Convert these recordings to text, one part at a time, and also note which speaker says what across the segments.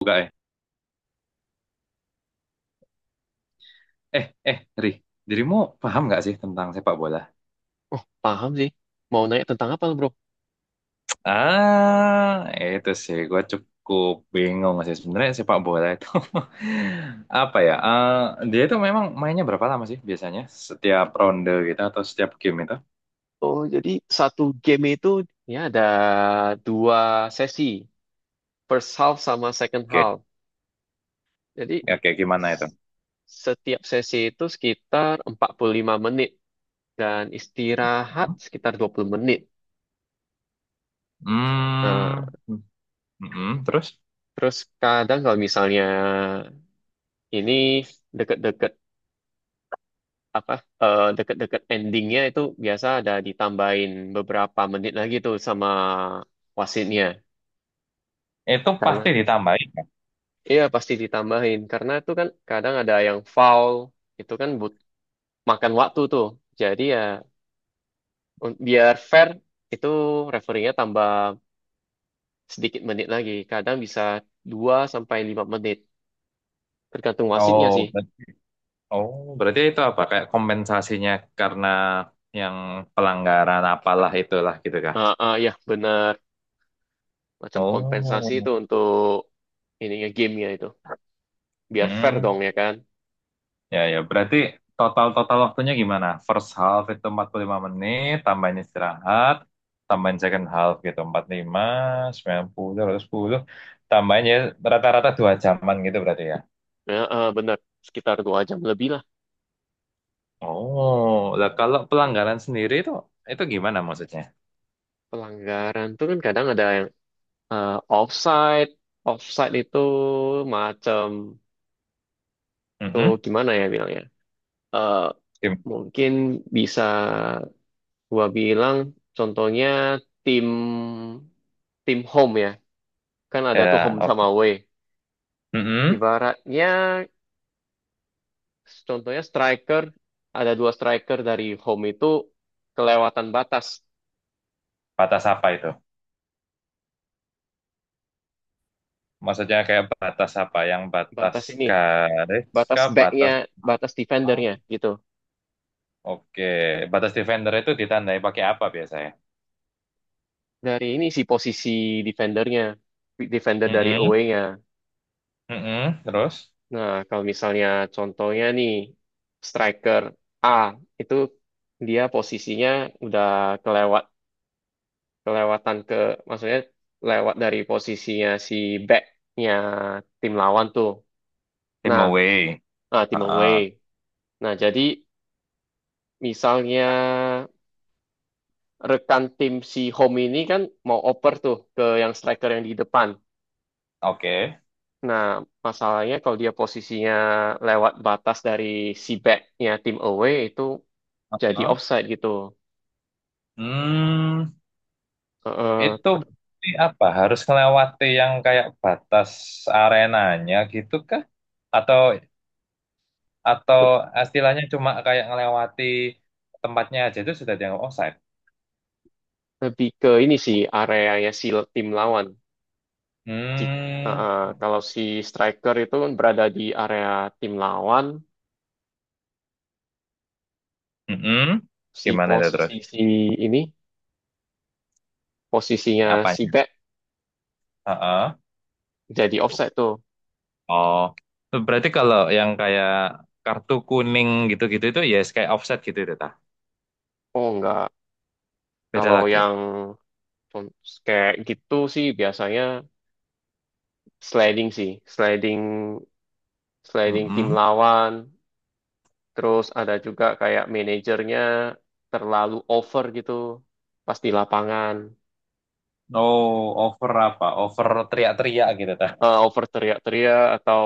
Speaker 1: Buka ya? Ri, dirimu paham nggak sih tentang sepak bola?
Speaker 2: Paham sih. Mau nanya tentang apa, bro?
Speaker 1: Ah, itu sih, gue cukup bingung sih sebenarnya sepak bola itu apa ya? Dia itu memang mainnya berapa lama sih biasanya? Setiap ronde gitu atau setiap game itu?
Speaker 2: Oh, jadi satu game itu ya ada dua sesi, first half sama second
Speaker 1: Oke,
Speaker 2: half. Jadi
Speaker 1: ya, oke, gimana itu?
Speaker 2: s- setiap sesi itu sekitar 45 menit dan istirahat sekitar 20 menit. Nah,
Speaker 1: Hmm. Mm-mm. Terus
Speaker 2: terus kadang kalau misalnya ini deket-deket apa deket-deket endingnya itu biasa ada ditambahin beberapa menit lagi tuh sama wasitnya.
Speaker 1: itu pasti
Speaker 2: Karena
Speaker 1: ditambahin, kan?
Speaker 2: Iya pasti ditambahin karena itu kan kadang ada yang foul itu kan but makan waktu tuh. Jadi ya biar fair itu referee tambah sedikit menit lagi. Kadang bisa 2 sampai 5 menit tergantung wasitnya
Speaker 1: Oh,
Speaker 2: sih.
Speaker 1: berarti, oh, berarti, itu apa? Kayak kompensasinya karena yang pelanggaran apalah itulah gitu kah?
Speaker 2: Ah ah, ya benar macam
Speaker 1: Oh,
Speaker 2: kompensasi itu untuk ininya gamenya itu. Biar fair
Speaker 1: hmm.
Speaker 2: dong ya kan.
Speaker 1: Ya, ya. Berarti total-total waktunya gimana? First half itu 45 menit, tambahin istirahat, tambahin second half gitu 45, 90, 90, 10. Tambahin ya rata-rata 2 jaman gitu berarti ya.
Speaker 2: Ah, ah, benar sekitar 2 jam lebih lah.
Speaker 1: Oh, lah kalau pelanggaran sendiri itu gimana maksudnya?
Speaker 2: Pelanggaran tuh kan kadang ada yang offside. Offside itu macam itu
Speaker 1: Mhm.
Speaker 2: gimana ya bilangnya? Eh
Speaker 1: Gim-
Speaker 2: mungkin bisa gua bilang contohnya tim tim home ya. Kan ada tuh
Speaker 1: Ya,
Speaker 2: home sama
Speaker 1: oke.
Speaker 2: away.
Speaker 1: Mhm.
Speaker 2: Ibaratnya contohnya striker ada dua striker dari home itu kelewatan batas
Speaker 1: Batas apa itu? Maksudnya kayak batas apa? Yang batas
Speaker 2: batas ini
Speaker 1: garis
Speaker 2: batas
Speaker 1: kah?
Speaker 2: backnya
Speaker 1: Batas
Speaker 2: batas
Speaker 1: apa?
Speaker 2: defendernya gitu
Speaker 1: Oke, batas defender itu ditandai pakai apa biasanya?
Speaker 2: dari ini sih posisi defendernya defender dari
Speaker 1: Mm-mm.
Speaker 2: away-nya.
Speaker 1: Mm-mm. Terus
Speaker 2: Nah, kalau misalnya contohnya nih, striker A itu dia posisinya udah kelewat kelewatan ke, maksudnya lewat dari posisinya si backnya tim lawan tuh.
Speaker 1: tim
Speaker 2: Nah,
Speaker 1: away.
Speaker 2: nah, tim away.
Speaker 1: Ah,
Speaker 2: Nah, jadi misalnya rekan tim si home ini kan mau oper tuh ke yang striker yang di depan.
Speaker 1: oke.
Speaker 2: Nah, masalahnya kalau dia posisinya lewat batas dari si backnya tim away itu jadi
Speaker 1: Heeh.
Speaker 2: offside gitu.
Speaker 1: Hmm,
Speaker 2: eh,
Speaker 1: itu berarti apa? Harus melewati yang kayak batas arenanya gitu kah? Atau atau
Speaker 2: te-
Speaker 1: istilahnya cuma kayak ngelewati tempatnya aja itu sudah dianggap offside?
Speaker 2: Lebih ke ini sih areanya si tim lawan. Ji-
Speaker 1: Hmm,
Speaker 2: eh, Kalau si striker itu kan berada di area tim lawan,
Speaker 1: mm-mm.
Speaker 2: si
Speaker 1: Gimana itu
Speaker 2: posisi
Speaker 1: terus?
Speaker 2: si ini posisinya si
Speaker 1: Apanya?
Speaker 2: back
Speaker 1: Heeh.
Speaker 2: jadi offside tuh.
Speaker 1: Oh, berarti kalau yang kayak kartu kuning gitu-gitu itu ya kayak offset gitu itu tah.
Speaker 2: Oh enggak.
Speaker 1: Beda
Speaker 2: Kalau
Speaker 1: lagi.
Speaker 2: yang con- kayak gitu sih biasanya sliding sih, sliding sliding tim
Speaker 1: Mm-mm.
Speaker 2: lawan. Terus ada juga kayak manajernya terlalu over gitu pas di lapangan.
Speaker 1: Oh, over apa? Over teriak-teriak gitu tah.
Speaker 2: Over teriak-teriak atau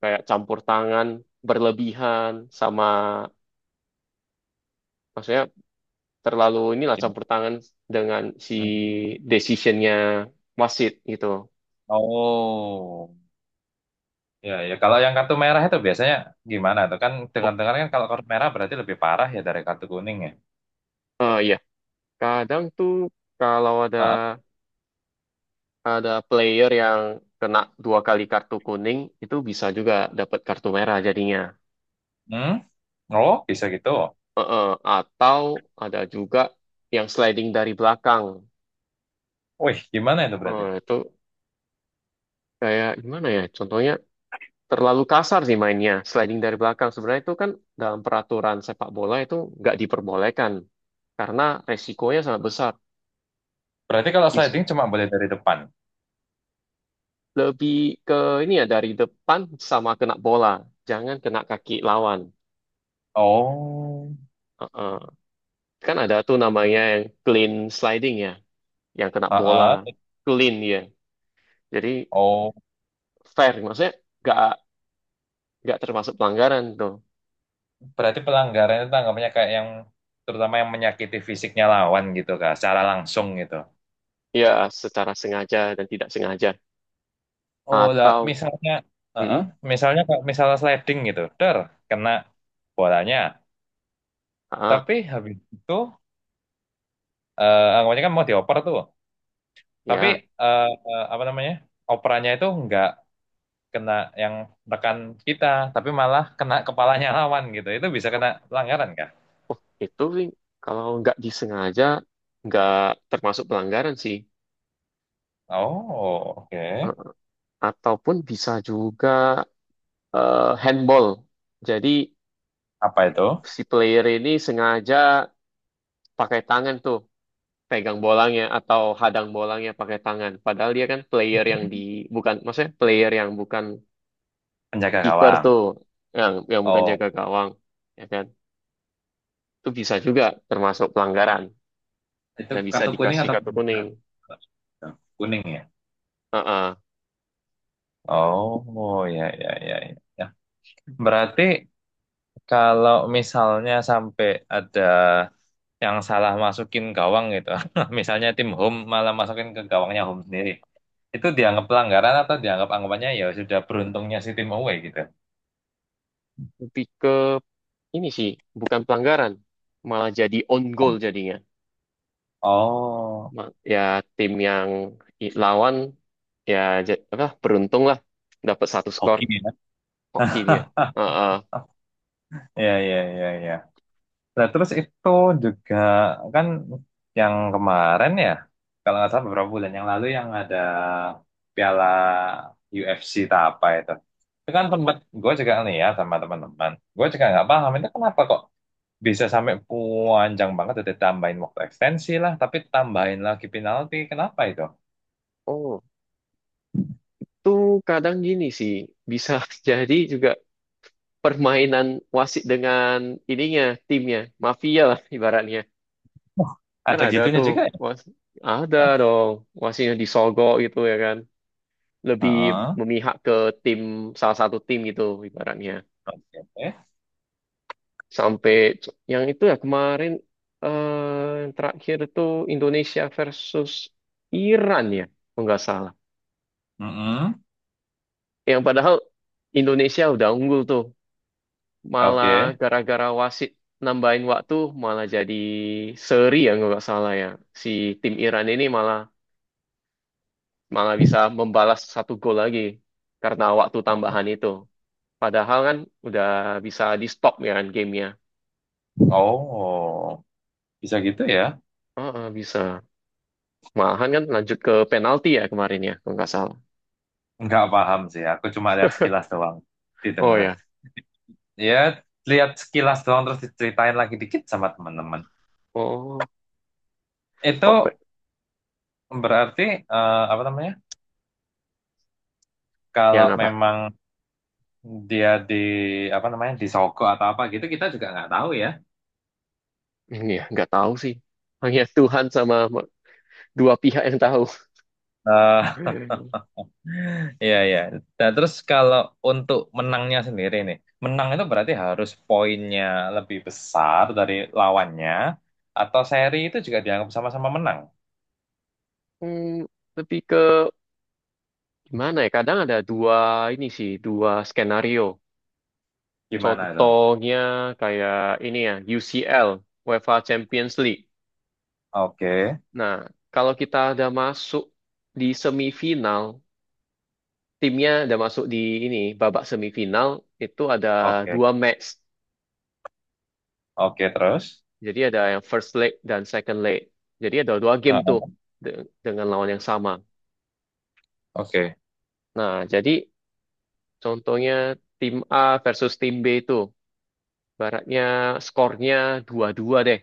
Speaker 2: kayak campur tangan berlebihan sama maksudnya terlalu inilah campur tangan dengan si
Speaker 1: Hmm.
Speaker 2: decisionnya wasit gitu.
Speaker 1: Oh, ya, ya. Kalau yang kartu merah itu biasanya gimana tuh? Kan
Speaker 2: Oh
Speaker 1: dengar-dengar kan kalau kartu merah berarti lebih parah ya dari kartu kuning ya.
Speaker 2: iya, kadang tuh kalau ada
Speaker 1: Ah,
Speaker 2: ada player yang kena dua kali kartu kuning itu bisa juga dapat kartu merah jadinya.
Speaker 1: hmm? Oh, bisa gitu.
Speaker 2: Eh, eh, atau ada juga yang sliding dari belakang.
Speaker 1: Wih, gimana itu berarti?
Speaker 2: Itu kayak gimana ya? Contohnya terlalu kasar sih mainnya. Sliding dari belakang sebenarnya itu kan dalam peraturan sepak bola itu nggak diperbolehkan karena resikonya sangat besar.
Speaker 1: Berarti kalau
Speaker 2: Bis-
Speaker 1: sliding cuma boleh dari depan.
Speaker 2: Lebih ke ini ya dari depan sama kena bola, jangan kena kaki lawan.
Speaker 1: Oh,
Speaker 2: Uh-uh. Kan ada tuh namanya yang clean sliding ya, yang kena bola
Speaker 1: ah,
Speaker 2: clean ya. Jadi
Speaker 1: ah.
Speaker 2: fair, maksudnya nggak nggak termasuk pelanggaran tuh.
Speaker 1: Berarti pelanggaran itu tanggapannya kayak yang terutama yang menyakiti fisiknya lawan gitu kak, secara langsung gitu.
Speaker 2: Ya secara sengaja dan tidak sengaja
Speaker 1: Oh lah,
Speaker 2: atau
Speaker 1: misalnya, uh-uh,
Speaker 2: mm,
Speaker 1: misalnya kak, misalnya sliding gitu, der, kena bolanya.
Speaker 2: ah
Speaker 1: Tapi habis itu, anggapannya kan mau dioper tuh. Tapi
Speaker 2: ya.
Speaker 1: eh, apa namanya, operannya itu nggak kena yang rekan kita, tapi malah kena kepalanya lawan gitu. Itu bisa kena pelanggaran kak?
Speaker 2: Oh, itu sih kalau nggak disengaja nggak termasuk pelanggaran sih.
Speaker 1: Oh, oke.
Speaker 2: Eh, Ataupun bisa juga handball. Jadi
Speaker 1: Apa itu?
Speaker 2: si player ini sengaja pakai tangan tuh pegang bolanya atau hadang bolanya pakai tangan. Padahal dia kan player yang di bukan maksudnya player yang bukan
Speaker 1: Penjaga
Speaker 2: kiper tuh
Speaker 1: gawang.
Speaker 2: yang bukan
Speaker 1: Oh.
Speaker 2: jaga gawang ya kan. Itu bisa juga termasuk pelanggaran
Speaker 1: Itu
Speaker 2: dan bisa
Speaker 1: kartu kuning
Speaker 2: dikasih
Speaker 1: atau
Speaker 2: kartu
Speaker 1: kartu
Speaker 2: kuning.
Speaker 1: merah? Kuning ya.
Speaker 2: Heeh.
Speaker 1: Oh, ya, ya, ya, ya, ya. Berarti kalau misalnya sampai ada yang salah masukin gawang gitu, misalnya tim home malah masukin ke gawangnya home sendiri, itu dianggap pelanggaran atau dianggap anggapannya ya sudah beruntungnya si tim away gitu?
Speaker 2: Lebih ke ini sih bukan pelanggaran, malah jadi on goal jadinya.
Speaker 1: Oh,
Speaker 2: Ya tim yang lawan ya apa beruntung lah dapat satu skor
Speaker 1: hoki ya.
Speaker 2: hoki dia. Heeh.
Speaker 1: Ya, ya, ya, ya. Nah, terus itu juga kan yang kemarin ya, kalau nggak salah beberapa bulan yang lalu yang ada piala UFC tak apa itu. Itu kan tempat gue juga lihat sama teman-teman. Gue juga nggak paham itu kenapa kok bisa sampai panjang banget udah tambahin waktu ekstensi lah, tapi tambahin lagi penalti. Kenapa itu?
Speaker 2: Oh, tuh kadang gini sih bisa jadi juga permainan wasit dengan ininya timnya mafia lah ibaratnya.
Speaker 1: Wah,
Speaker 2: Kan
Speaker 1: ada
Speaker 2: ada
Speaker 1: gitunya
Speaker 2: tuh
Speaker 1: juga ya?
Speaker 2: was ada
Speaker 1: Hah?
Speaker 2: dong wasitnya disogok gitu ya kan. Lebih
Speaker 1: Heeh.
Speaker 2: memihak ke tim salah satu tim gitu ibaratnya.
Speaker 1: Oke.
Speaker 2: Sampai yang itu ya kemarin yang terakhir itu Indonesia versus Iran ya, kalau nggak salah.
Speaker 1: Mm-mm.
Speaker 2: Yang padahal Indonesia udah unggul tuh, malah
Speaker 1: Oke.
Speaker 2: gara-gara wasit nambahin waktu malah jadi seri ya kalau nggak salah ya. Si tim Iran ini malah malah bisa membalas satu gol lagi karena waktu tambahan itu. Padahal kan udah bisa di stop ya kan gamenya.
Speaker 1: Oh, bisa gitu ya?
Speaker 2: Oh, bisa. Malahan kan lanjut ke penalti ya kemarin ya, kalau nggak salah.
Speaker 1: Nggak paham sih, aku cuma lihat sekilas doang di
Speaker 2: Oh
Speaker 1: tengah.
Speaker 2: ya,
Speaker 1: Ya, lihat sekilas doang terus diceritain lagi dikit sama teman-teman.
Speaker 2: oh
Speaker 1: Itu
Speaker 2: kok
Speaker 1: berarti apa namanya? Kalau
Speaker 2: yang apa?
Speaker 1: memang dia di apa namanya disogok atau apa gitu kita juga nggak tahu ya.
Speaker 2: Ini ya, nggak tahu sih. Hanya Tuhan sama dua pihak yang tahu.
Speaker 1: Eh, iya, iya. Nah, terus kalau untuk menangnya sendiri nih, menang itu berarti harus poinnya lebih besar dari lawannya atau seri itu juga dianggap sama-sama menang.
Speaker 2: Hmm, Lebih ke gimana ya? Kadang ada dua skenario.
Speaker 1: Gimana itu?
Speaker 2: Contohnya kayak ini ya, UCL, UEFA Champions League.
Speaker 1: Oke,
Speaker 2: Nah, kalau kita ada masuk di semifinal, timnya ada masuk di ini babak semifinal itu ada
Speaker 1: oke.
Speaker 2: dua match.
Speaker 1: Oke, terus.
Speaker 2: Jadi ada yang first leg dan second leg. Jadi ada dua game
Speaker 1: Nah,
Speaker 2: tuh dengan lawan yang sama.
Speaker 1: oke,
Speaker 2: Nah, jadi contohnya tim A versus tim B itu baratnya skornya 2-2 deh.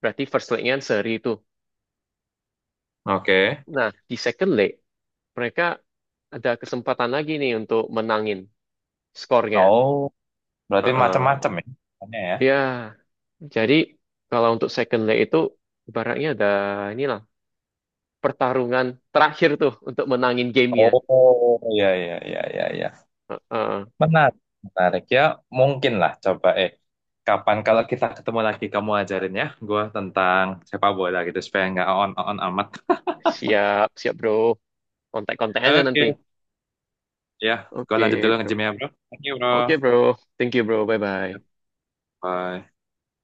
Speaker 2: Berarti first leg-nya seri itu.
Speaker 1: oke.
Speaker 2: Nah, di second leg mereka ada kesempatan lagi nih untuk menangin skornya.
Speaker 1: Oh, berarti
Speaker 2: Heeh.
Speaker 1: macam-macam ya. Tanya ya.
Speaker 2: Ya, jadi kalau untuk second leg itu baratnya ada inilah pertarungan terakhir tuh untuk menangin gamenya.
Speaker 1: Oh, iya, iya, iya, iya, iya.
Speaker 2: Heeh.
Speaker 1: Menarik, menarik ya. Mungkin lah, coba eh. Kapan kalau kita ketemu lagi kamu ajarin ya gue tentang sepak bola gitu supaya nggak on on amat.
Speaker 2: Siap, siap bro. Kontak-kontak aja nanti.
Speaker 1: Oke, ya, gue lanjut
Speaker 2: Oke
Speaker 1: dulu
Speaker 2: bro.
Speaker 1: nge-gym ya bro. Thank you bro.
Speaker 2: Oke bro. Thank you bro. Bye-bye.
Speaker 1: Bye.